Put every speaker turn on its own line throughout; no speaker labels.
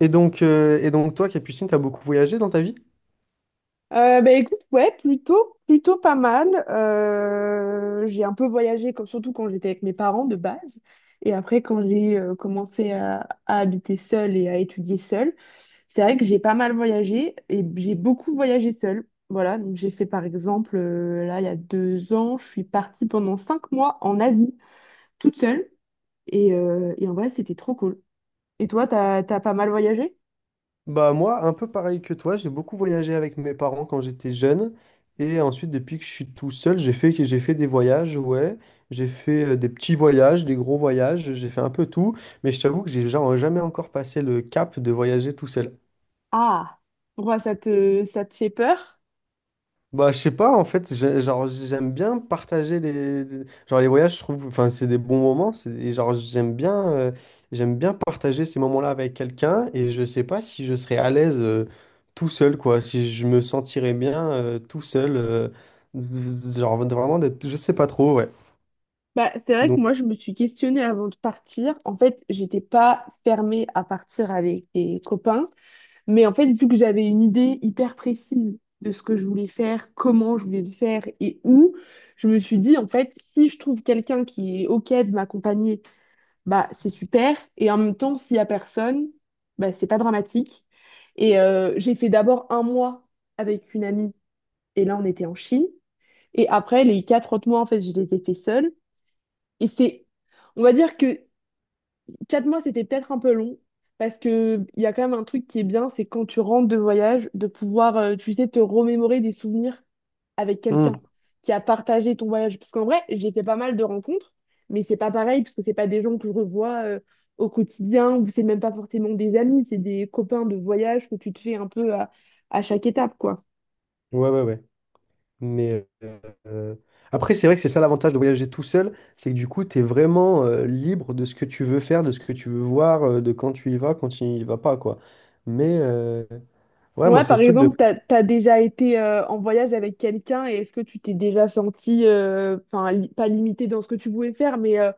Et donc toi, Capucine, t'as beaucoup voyagé dans ta vie?
Bah, écoute, ouais, plutôt pas mal. J'ai un peu voyagé, comme, surtout quand j'étais avec mes parents de base. Et après, quand j'ai commencé à habiter seule et à étudier seule, c'est vrai que j'ai pas mal voyagé et j'ai beaucoup voyagé seule. Voilà, donc j'ai fait par exemple, là, il y a 2 ans, je suis partie pendant 5 mois en Asie, toute seule. Et en vrai, c'était trop cool. Et toi, t'as pas mal voyagé?
Bah moi, un peu pareil que toi, j'ai beaucoup voyagé avec mes parents quand j'étais jeune. Et ensuite, depuis que je suis tout seul, j'ai fait des voyages, ouais. J'ai fait des petits voyages, des gros voyages, j'ai fait un peu tout. Mais je t'avoue que j'ai jamais encore passé le cap de voyager tout seul.
Ah, pourquoi ça te fait peur?
Bah, je sais pas, en fait, genre, j'aime bien partager genre, les voyages, je trouve, enfin, c'est des bons moments, et genre, j'aime bien partager ces moments-là avec quelqu'un, et je sais pas si je serais à l'aise tout seul, quoi, si je me sentirais bien tout seul, genre, vraiment d'être, je sais pas trop, ouais.
Bah, c'est vrai que
Donc,
moi, je me suis questionnée avant de partir. En fait, j'étais pas fermée à partir avec des copains, mais en fait, vu que j'avais une idée hyper précise de ce que je voulais faire, comment je voulais le faire et où, je me suis dit, en fait, si je trouve quelqu'un qui est OK de m'accompagner, bah, c'est super. Et en même temps, s'il y a personne, bah, c'est pas dramatique. Et j'ai fait d'abord un mois avec une amie, et là, on était en Chine. Et après, les 4 autres mois, en fait, je les ai fait seuls. Et c'est, on va dire que 4 mois, c'était peut-être un peu long, parce que il y a quand même un truc qui est bien, c'est quand tu rentres de voyage, de pouvoir, tu sais, te remémorer des souvenirs avec quelqu'un
hmm,
qui a partagé ton voyage. Parce qu'en vrai, j'ai fait pas mal de rencontres, mais c'est pas pareil, parce que c'est pas des gens que je revois, au quotidien, ou c'est même pas forcément des amis, c'est des copains de voyage que tu te fais un peu à chaque étape, quoi.
ouais, ouais, ouais. Mais euh, après, c'est vrai que c'est ça l'avantage de voyager tout seul, c'est que du coup, tu es vraiment libre de ce que tu veux faire, de ce que tu veux voir, de quand tu y vas, quand tu y vas pas, quoi. Mais ouais, moi,
Ouais,
c'est
par
ce truc de.
exemple, t'as déjà été en voyage avec quelqu'un, et est-ce que tu t'es déjà senti, enfin, pas limité dans ce que tu pouvais faire, mais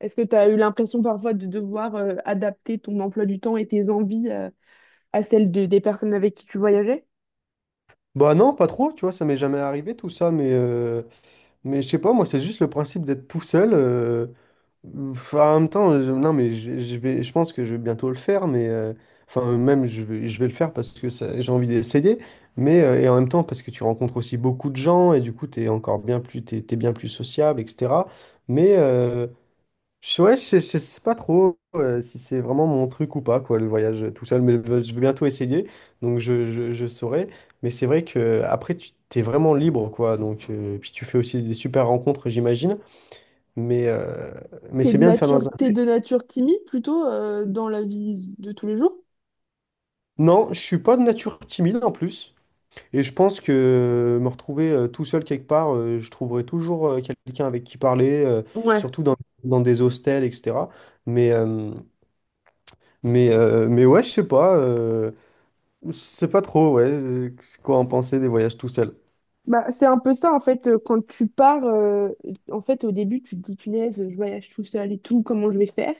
est-ce que tu as eu l'impression parfois de devoir adapter ton emploi du temps et tes envies à celles des personnes avec qui tu voyageais?
Bah non, pas trop, tu vois, ça m'est jamais arrivé tout ça, mais je sais pas, moi, c'est juste le principe d'être tout seul. Ouf, en même temps, non, mais je pense que je vais bientôt le faire, mais enfin, même je vais le faire parce que j'ai envie d'essayer, mais et en même temps parce que tu rencontres aussi beaucoup de gens et du coup, tu es encore bien plus, t'es bien plus sociable, etc. Mais ouais, je sais pas trop si c'est vraiment mon truc ou pas, quoi, le voyage tout seul, mais je vais bientôt essayer, donc je saurai. Mais c'est vrai que après, tu t'es vraiment libre, quoi, donc puis tu fais aussi des super rencontres, j'imagine, mais. euh, mais
T'es
c'est
de
bien de faire
nature,
dans un.
t'es de nature timide plutôt dans la vie de tous les jours?
Non, je suis pas de nature timide en plus. Et je pense que me retrouver tout seul quelque part, je trouverai toujours quelqu'un avec qui parler,
Ouais.
surtout dans des hostels, etc. Mais, euh, mais ouais, je sais pas. Je sais pas trop, ouais, quoi en penser des voyages tout seul.
Bah, c'est un peu ça en fait quand tu pars en fait au début tu te dis, punaise, je voyage tout seul et tout, comment je vais faire,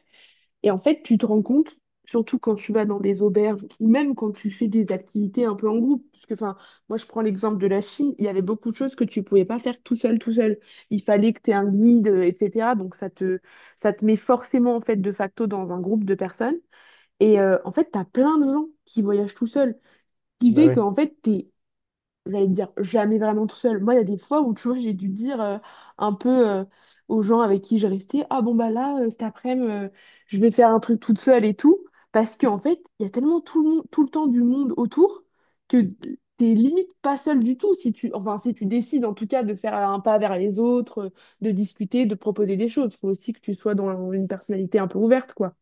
et en fait tu te rends compte, surtout quand tu vas dans des auberges, ou même quand tu fais des activités un peu en groupe. Parce que, enfin, moi je prends l'exemple de la Chine, il y avait beaucoup de choses que tu pouvais pas faire tout seul tout seul, il fallait que tu aies un guide etc. Donc ça te met forcément en fait de facto dans un groupe de personnes, et en fait tu as plein de gens qui voyagent tout seuls, qui
Bah
fait
ouais.
qu'en fait, t'es, j'allais dire, jamais vraiment tout seul. Moi, il y a des fois où, tu vois, j'ai dû dire un peu aux gens avec qui je restais, ah bon bah là, cet après-midi, je vais faire un truc toute seule et tout, parce qu'en fait, il y a tellement tout le monde, tout le temps du monde autour, que t'es limite pas seule du tout si tu, enfin si tu décides en tout cas de faire un pas vers les autres, de discuter, de proposer des choses. Il faut aussi que tu sois dans une personnalité un peu ouverte, quoi.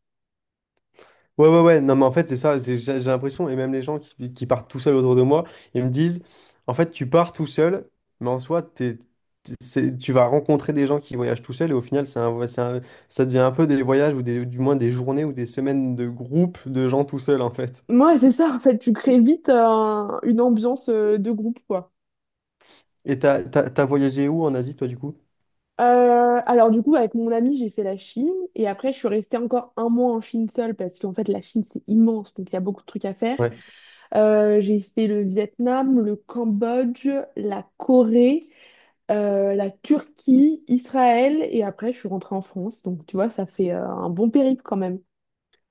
Ouais, ouais, ouais, non, mais en fait, c'est ça, j'ai l'impression, et même les gens qui partent tout seuls autour de moi, ils me disent, en fait, tu pars tout seul, mais en soi, tu vas rencontrer des gens qui voyagent tout seuls, et au final, c'est un, vo- c'est un- ça devient un peu des voyages, ou des, du moins des journées ou des semaines de groupe de gens tout seuls, en fait.
Moi, c'est ça, en fait, tu crées vite une ambiance de groupe, quoi.
Et t'as voyagé où en Asie, toi, du coup?
Alors du coup, avec mon ami, j'ai fait la Chine, et après, je suis restée encore un mois en Chine seule, parce qu'en fait, la Chine, c'est immense, donc il y a beaucoup de trucs à faire.
Ouais.
J'ai fait le Vietnam, le Cambodge, la Corée, la Turquie, Israël, et après, je suis rentrée en France. Donc tu vois, ça fait un bon périple quand même.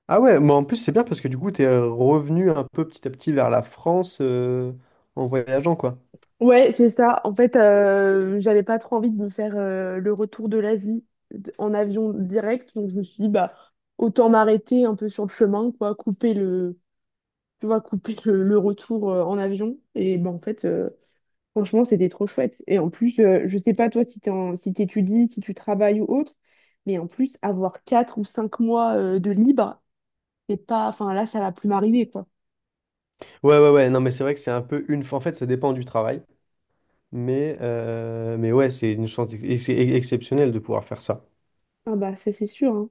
Ah ouais, mais en plus, c'est bien parce que du coup, t'es revenu un peu petit à petit vers la France, en voyageant, quoi.
Ouais, c'est ça. En fait, j'avais pas trop envie de me faire le retour de l'Asie en avion direct, donc je me suis dit, bah, autant m'arrêter un peu sur le chemin, quoi, couper le tu vois, couper le retour en avion. Et ben, en fait, franchement, c'était trop chouette. Et en plus, je sais pas toi, si si t'étudies, si tu travailles ou autre, mais en plus, avoir 4 ou 5 mois de libre, c'est pas... Enfin, là, ça va plus m'arriver, quoi.
Ouais, ouais, ouais, non, mais c'est vrai que c'est un peu une. En fait, ça dépend du travail. Mais ouais, c'est une chance exceptionnelle de pouvoir faire ça.
Ah bah, ça, c'est sûr, hein.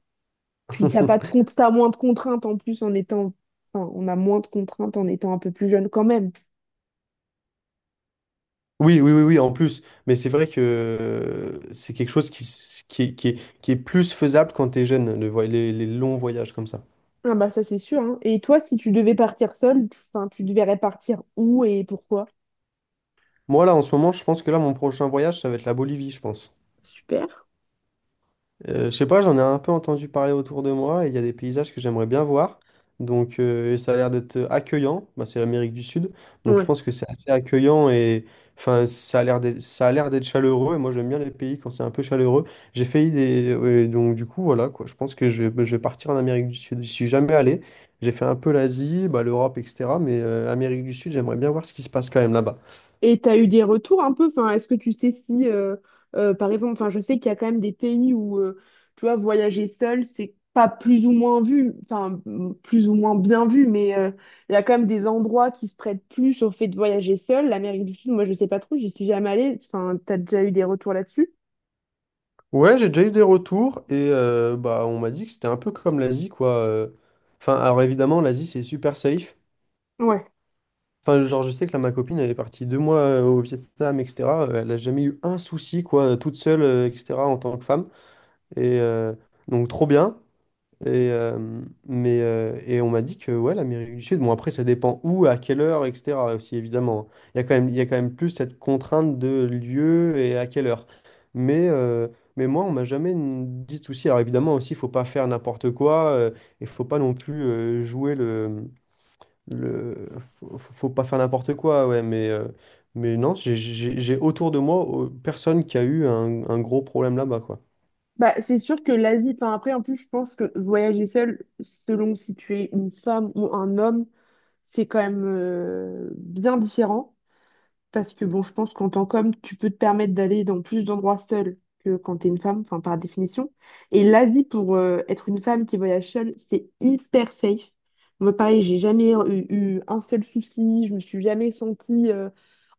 Puis t'as pas de compte, t'as moins de contraintes en plus en étant... Enfin, on a moins de contraintes en étant un peu plus jeune quand même.
Oui, oui, oui, oui, en plus. Mais c'est vrai que c'est quelque chose qui, s- qui, est- qui est, qui est plus faisable quand t'es jeune, les longs voyages comme ça.
Ah bah, ça, c'est sûr, hein. Et toi, si tu devais partir seule enfin, tu devrais partir où et pourquoi?
Moi, là, en ce moment, je pense que là, mon prochain voyage, ça va être la Bolivie, je pense.
Super.
Je sais pas, j'en ai un peu entendu parler autour de moi et il y a des paysages que j'aimerais bien voir. Donc et ça a l'air d'être accueillant. Bah, c'est l'Amérique du Sud, donc je
Ouais.
pense que c'est assez accueillant et enfin ça a l'air d'être chaleureux. Et moi j'aime bien les pays quand c'est un peu chaleureux. J'ai failli des ouais, donc du coup voilà quoi. Je pense que je vais partir en Amérique du Sud. Je suis jamais allé. J'ai fait un peu l'Asie, bah, l'Europe, etc. Mais Amérique du Sud, j'aimerais bien voir ce qui se passe quand même là-bas.
Et tu as eu des retours un peu, enfin, est-ce que tu sais si, par exemple, enfin, je sais qu'il y a quand même des pays où, tu vois, voyager seul, c'est pas plus ou moins vu, enfin, plus ou moins bien vu, mais il y a quand même des endroits qui se prêtent plus au fait de voyager seul. L'Amérique du Sud, moi, je sais pas trop, j'y suis jamais allée, enfin, tu as déjà eu des retours là-dessus?
Ouais, j'ai déjà eu des retours et bah on m'a dit que c'était un peu comme l'Asie quoi. Enfin, alors évidemment l'Asie c'est super safe.
Ouais.
Enfin, genre je sais que là ma copine elle est partie 2 mois au Vietnam etc. Elle a jamais eu un souci quoi, toute seule etc. en tant que femme et donc trop bien. Et, mais, et on m'a dit que ouais, l'Amérique du Sud, bon après ça dépend où, à quelle heure, etc. aussi évidemment. Il y a quand même, il y a quand même plus cette contrainte de lieu et à quelle heure. Mais, euh, mais moi, on m'a jamais dit de souci. Alors évidemment aussi, il faut pas faire n'importe quoi. Et faut pas non plus jouer le, le. Faut pas faire n'importe quoi, ouais. Mais non, j'ai autour de moi personne qui a eu un gros problème là-bas, quoi.
Bah, c'est sûr que l'Asie, enfin, après, en plus, je pense que voyager seul, selon si tu es une femme ou un homme, c'est quand même bien différent. Parce que bon, je pense qu'en tant qu'homme, tu peux te permettre d'aller dans plus d'endroits seul que quand t'es une femme, enfin par définition. Et l'Asie, pour être une femme qui voyage seule, c'est hyper safe. Moi, pareil, j'ai jamais eu un seul souci, je me suis jamais sentie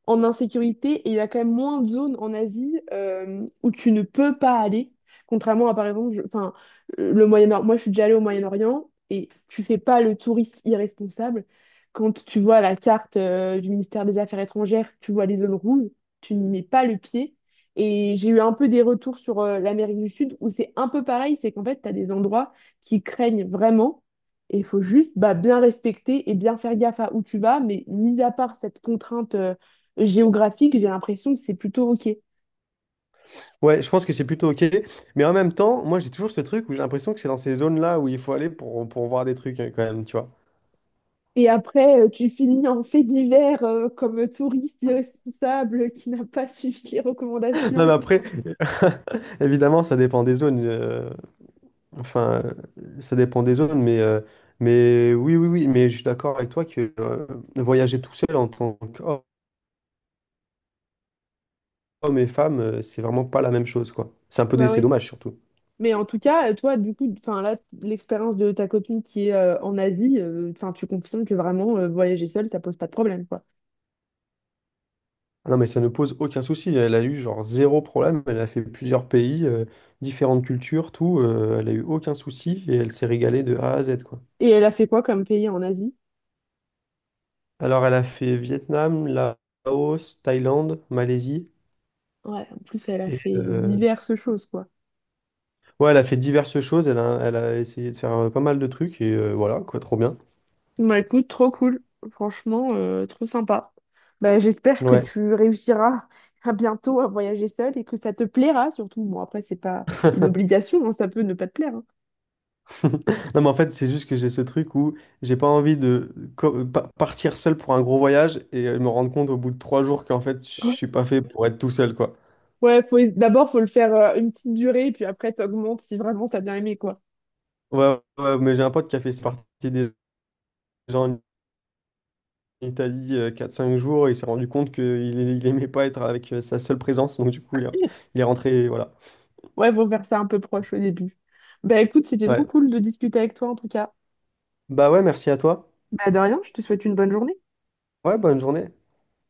en insécurité, et il y a quand même moins de zones en Asie où tu ne peux pas aller, contrairement à par exemple, enfin, le Moyen-Orient. Moi, je suis déjà allée au Moyen-Orient, et tu fais pas le touriste irresponsable. Quand tu vois la carte du ministère des Affaires étrangères, tu vois les zones rouges, tu n'y mets pas le pied. Et j'ai eu un peu des retours sur l'Amérique du Sud, où c'est un peu pareil, c'est qu'en fait, tu as des endroits qui craignent vraiment. Et il faut juste, bah, bien respecter et bien faire gaffe à où tu vas, mais mis à part cette contrainte géographique, j'ai l'impression que c'est plutôt OK.
Ouais, je pense que c'est plutôt OK. Mais en même temps, moi, j'ai toujours ce truc où j'ai l'impression que c'est dans ces zones-là où il faut aller pour voir des trucs, hein, quand même, tu vois.
Et après, tu finis en fait divers comme touriste irresponsable qui n'a pas suivi les
Non, mais
recommandations.
après, évidemment, ça dépend des zones. Enfin, ça dépend des zones, mais oui, oui, oui. Mais je suis d'accord avec toi que voyager tout seul en tant qu'homme et femme, c'est vraiment pas la même chose, quoi. C'est un peu,
Bah
c'est
ouais.
dommage, surtout.
Mais en tout cas, toi, du coup, enfin là, l'expérience de ta copine qui est en Asie, enfin, tu confirmes que vraiment voyager seule, ça pose pas de problème, quoi.
Ah, non, mais ça ne pose aucun souci. Elle a eu genre zéro problème. Elle a fait plusieurs pays, différentes cultures, tout. Elle a eu aucun souci et elle s'est régalée de A à Z, quoi.
Et elle a fait quoi comme pays en Asie?
Alors, elle a fait Vietnam, Laos, Thaïlande, Malaisie.
Ouais, en plus, elle a
Et
fait diverses choses, quoi.
ouais, elle a fait diverses choses. Elle a essayé de faire pas mal de trucs et voilà, quoi, trop bien.
Bah écoute, trop cool. Franchement, trop sympa. Bah, j'espère que
Ouais.
tu réussiras à bientôt à voyager seul, et que ça te plaira surtout. Bon, après, c'est pas une obligation, hein, ça peut ne pas te plaire. Hein.
Non, mais en fait, c'est juste que j'ai ce truc où j'ai pas envie de partir seul pour un gros voyage et me rendre compte au bout de 3 jours qu'en fait, je
Ouais,
suis pas fait pour être tout seul, quoi.
ouais, d'abord, faut le faire une petite durée, puis après, t'augmentes si vraiment t'as bien aimé, quoi.
Ouais, ouais, mais j'ai un pote qui a fait partie des gens en Italie 4-5 jours et il s'est rendu compte qu'il il aimait pas être avec sa seule présence, donc du coup il est rentré, voilà.
Ouais, faut faire ça un peu proche au début. Bah écoute, c'était trop
Ouais.
cool de discuter avec toi en tout cas.
Bah ouais, merci à toi.
Bah de rien, je te souhaite une bonne journée.
Ouais, bonne journée.